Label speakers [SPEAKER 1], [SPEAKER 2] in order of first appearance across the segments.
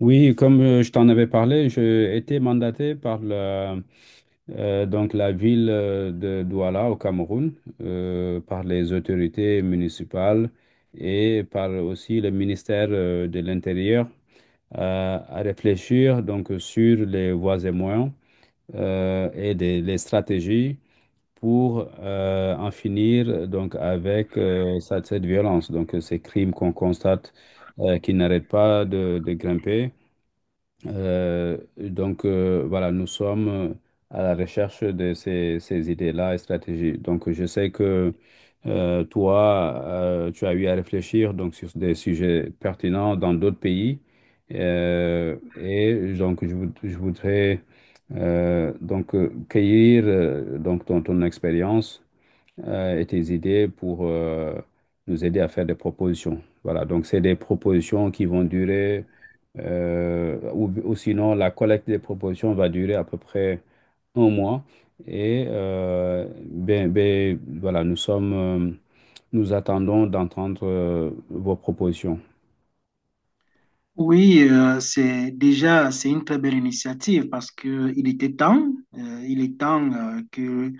[SPEAKER 1] Oui, comme je t'en avais parlé, j'ai été mandaté par la ville de Douala au Cameroun, par les autorités municipales et par aussi le ministère de l'Intérieur à réfléchir donc sur les voies et moyens les stratégies pour en finir donc avec cette violence, donc ces crimes qu'on constate qui n'arrêtent pas de grimper. Voilà, nous sommes à la recherche de ces idées-là et stratégies. Donc je sais que toi, tu as eu à réfléchir donc, sur des sujets pertinents dans d'autres pays. Et donc je voudrais cueillir donc ton expérience et tes idées pour nous aider à faire des propositions. Voilà, donc c'est des propositions qui vont durer, ou sinon la collecte des propositions va durer à peu près un mois. Et ben, voilà, nous attendons d'entendre vos propositions.
[SPEAKER 2] Oui, c'est déjà c'est une très belle initiative parce que il était temps, il est temps que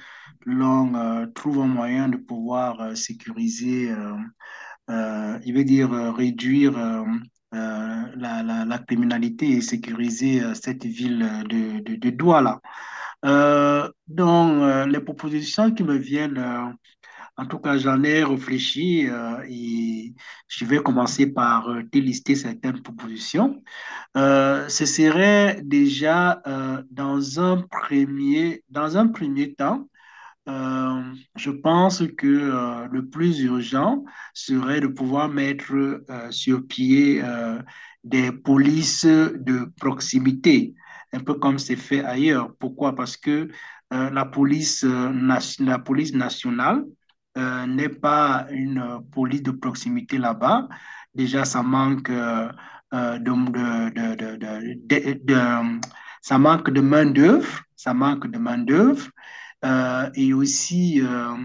[SPEAKER 2] l'on trouve un moyen de pouvoir sécuriser, il veut dire réduire la criminalité et sécuriser cette ville de Douala. Donc les propositions qui me viennent, en tout cas j'en ai réfléchi et je vais commencer par délister certaines propositions. Ce serait déjà dans un premier temps je pense que le plus urgent serait de pouvoir mettre sur pied des polices de proximité, un peu comme c'est fait ailleurs. Pourquoi? Parce que la police, la police nationale n'est pas une police de proximité là-bas. Déjà, ça manque de- ça manque de main-d'œuvre, ça manque de main-d'œuvre. Euh, et aussi euh,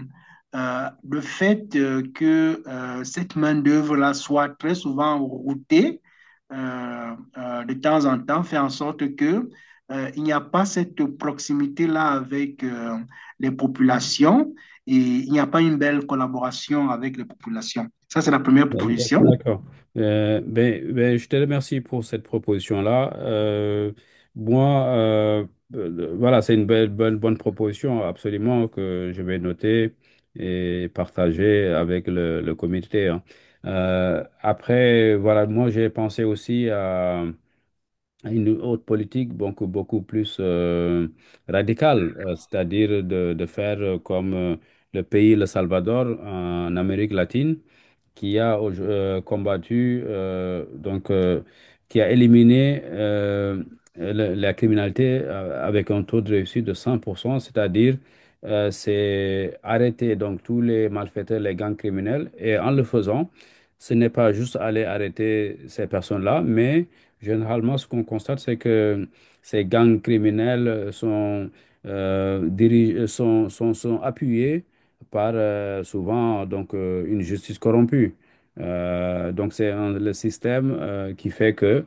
[SPEAKER 2] euh, le fait que cette main-d'œuvre-là soit très souvent routée de temps en temps fait en sorte que il n'y a pas cette proximité-là avec les populations et il n'y a pas une belle collaboration avec les populations. Ça, c'est la première proposition.
[SPEAKER 1] D'accord. Ben, je te remercie pour cette proposition-là. Moi, euh, voilà, c'est une bonne proposition, absolument, que je vais noter et partager avec le comité, hein. Après, voilà, moi, j'ai pensé aussi à une autre politique beaucoup plus radicale, c'est-à-dire de faire comme le pays, le Salvador, en Amérique latine qui a qui a éliminé la criminalité avec un taux de réussite de 100%, c'est-à-dire c'est arrêter donc tous les malfaiteurs, les gangs criminels, et en le faisant, ce n'est pas juste aller arrêter ces personnes-là, mais généralement, ce qu'on constate, c'est que ces gangs criminels sont, dirige- sont, sont, sont appuyés par souvent donc une justice corrompue. Donc le système qui fait que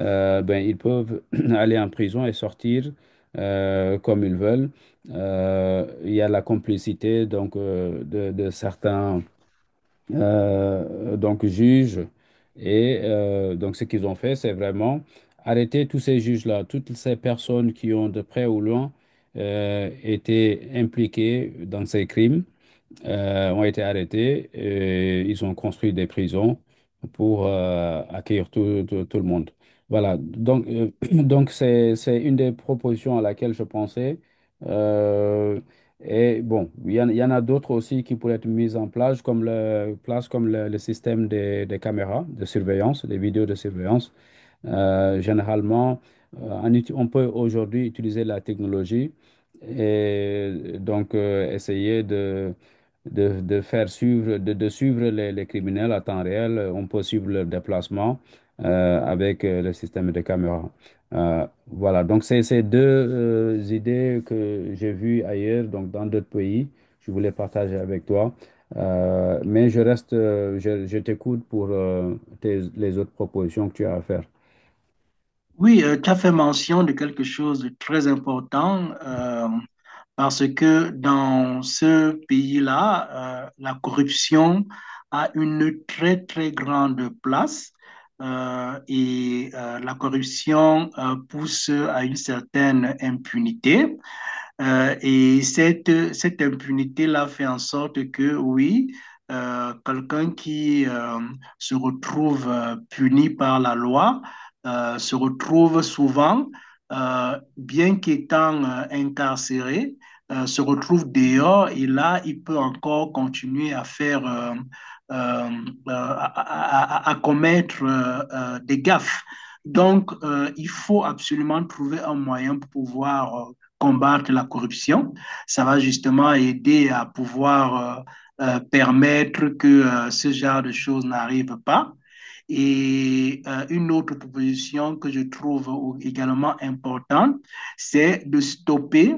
[SPEAKER 1] ben, ils peuvent aller en prison et sortir comme ils veulent. Il y a la complicité donc de certains donc juges et donc ce qu'ils ont fait c'est vraiment arrêter tous ces juges-là, toutes ces personnes qui ont de près ou loin été impliquées dans ces crimes ont été arrêtés et ils ont construit des prisons pour accueillir tout le monde. Voilà, donc c'est une des propositions à laquelle je pensais. Euh, et bon, il y en a d'autres aussi qui pourraient être mises en place, comme le système des caméras de surveillance, des vidéos de surveillance. Généralement, on peut aujourd'hui utiliser la technologie et donc essayer de faire suivre, de suivre les criminels à temps réel. On peut suivre leur déplacement avec le système de caméra. Voilà, donc c'est ces deux idées que j'ai vues ailleurs, donc dans d'autres pays. Je voulais partager avec toi. Mais je t'écoute pour les autres propositions que tu as à faire.
[SPEAKER 2] Oui, tu as fait mention de quelque chose de très important. Parce que dans ce pays-là, la corruption a une très, très grande place et la corruption pousse à une certaine impunité. Et cette impunité-là fait en sorte que, oui, quelqu'un qui se retrouve puni par la loi se retrouve souvent, bien qu'étant incarcéré, se retrouve dehors et là, il peut encore continuer à faire, euh, euh, à, commettre des gaffes. Donc, il faut absolument trouver un moyen pour pouvoir combattre la corruption. Ça va justement aider à pouvoir permettre que ce genre de choses n'arrive pas. Et une autre proposition que je trouve également importante, c'est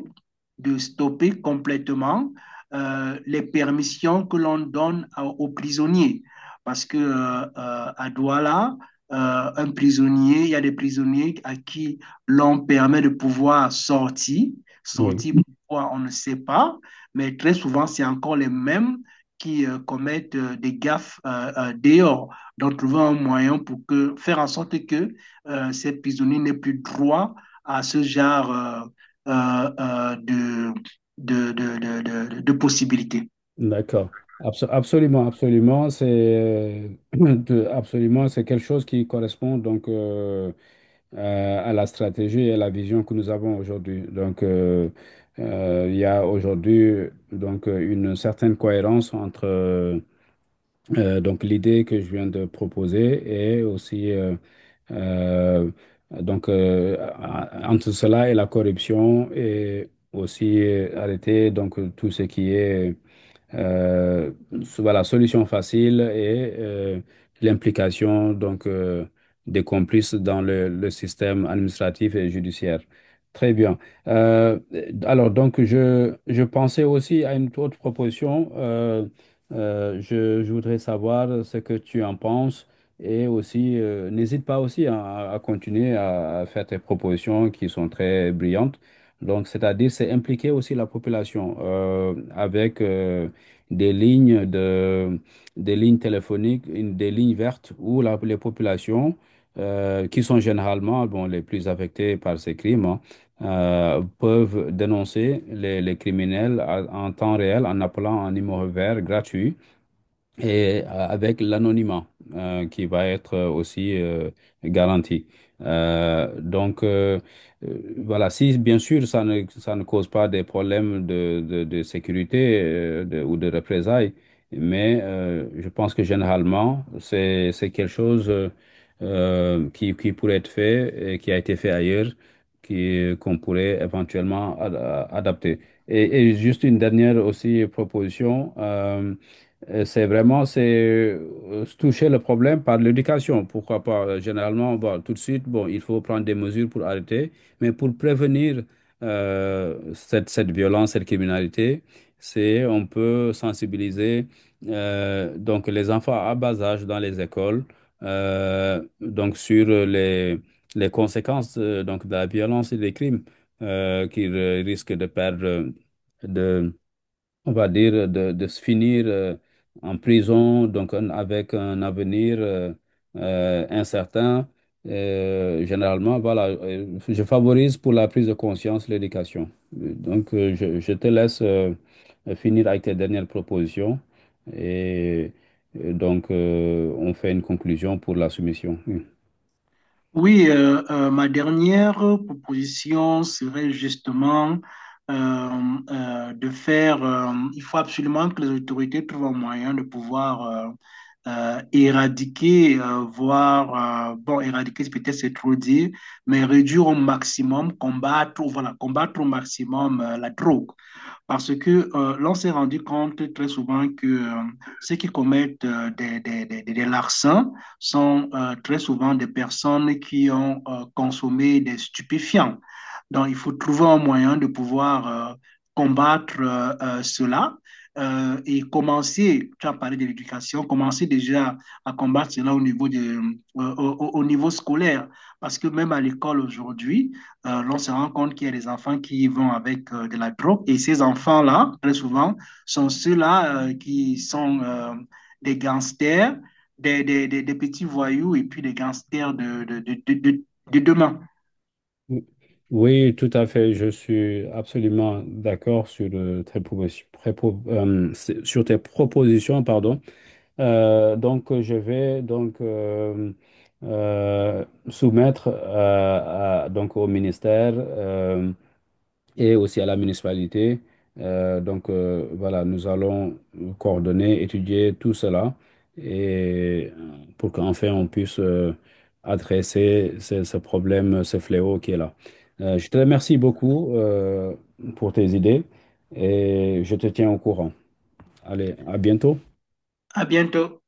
[SPEAKER 2] de stopper complètement les permissions que l'on donne à, aux prisonniers. Parce que à Douala, un prisonnier, il y a des prisonniers à qui l'on permet de pouvoir sortir,
[SPEAKER 1] Oui,
[SPEAKER 2] sortir pourquoi on ne sait pas, mais très souvent c'est encore les mêmes qui commettent des gaffes dehors. Donc trouver un moyen pour que, faire en sorte que ces prisonniers n'aient plus droit à ce genre euh, euh, de, de, de, de, de possibilités.
[SPEAKER 1] d'accord. Absolument, absolument, c'est absolument, c'est quelque chose qui correspond donc à la stratégie et à la vision que nous avons aujourd'hui. Donc, il y a aujourd'hui donc une certaine cohérence entre donc l'idée que je viens de proposer et aussi euh, entre cela et la corruption et aussi arrêter donc tout ce qui est Euh, voilà, solution facile et l'implication donc des complices dans le système administratif et judiciaire. Très bien. Euh, alors donc je pensais aussi à une autre proposition. Je voudrais savoir ce que tu en penses et aussi n'hésite pas aussi à continuer à faire tes propositions qui sont très brillantes. Donc c'est-à-dire c'est impliquer aussi la population avec des lignes de des lignes téléphoniques, des lignes vertes où les populations, qui sont généralement bon, les plus affectées par ces crimes, hein, peuvent dénoncer les criminels en temps réel en appelant un numéro vert gratuit et avec l'anonymat qui va être aussi garanti. Euh, donc, euh, voilà, si bien sûr ça ne cause pas des problèmes de sécurité ou de représailles, mais je pense que généralement, c'est quelque chose qui pourrait être fait et qui a été fait ailleurs, qu'on pourrait éventuellement adapter. Et juste une dernière aussi proposition. C'est vraiment c'est toucher le problème par l'éducation. Pourquoi pas? Généralement, bon, tout de suite, bon, il faut prendre des mesures pour arrêter, mais pour prévenir cette violence, cette criminalité, c'est on peut sensibiliser donc les enfants à bas âge dans les écoles donc sur les conséquences donc de la violence et des crimes qu'ils risquent de perdre de on va dire, de se finir en prison, donc avec un avenir incertain. Généralement, voilà, je favorise pour la prise de conscience l'éducation. Je te laisse finir avec tes dernières propositions et, et donc on fait une conclusion pour la soumission.
[SPEAKER 2] Oui, ma dernière proposition serait justement euh, de faire, il faut absolument que les autorités trouvent un moyen de pouvoir éradiquer, voire, bon, éradiquer, c'est peut-être c'est trop dire, mais réduire au maximum, combattre, voilà, combattre au maximum la drogue. Parce que l'on s'est rendu compte très souvent que ceux qui commettent des larcins sont très souvent des personnes qui ont consommé des stupéfiants. Donc, il faut trouver un moyen de pouvoir combattre cela et commencer, tu as parlé de l'éducation, commencer déjà à combattre cela au niveau au niveau scolaire. Parce que même à l'école aujourd'hui, l'on se rend compte qu'il y a des enfants qui vont avec de la drogue. Et ces enfants-là, très souvent, sont ceux-là qui sont des gangsters, petits voyous et puis des gangsters de demain.
[SPEAKER 1] Oui, oui, tout à fait. Je suis absolument d'accord sur, sur tes propositions, pardon. Donc, je vais donc soumettre donc au ministère et aussi à la municipalité. Voilà, nous allons coordonner, étudier tout cela et pour qu'enfin on puisse adresser ce problème, ce fléau qui est là. Je te remercie beaucoup pour tes idées et je te tiens au courant. Allez, à bientôt.
[SPEAKER 2] À bientôt.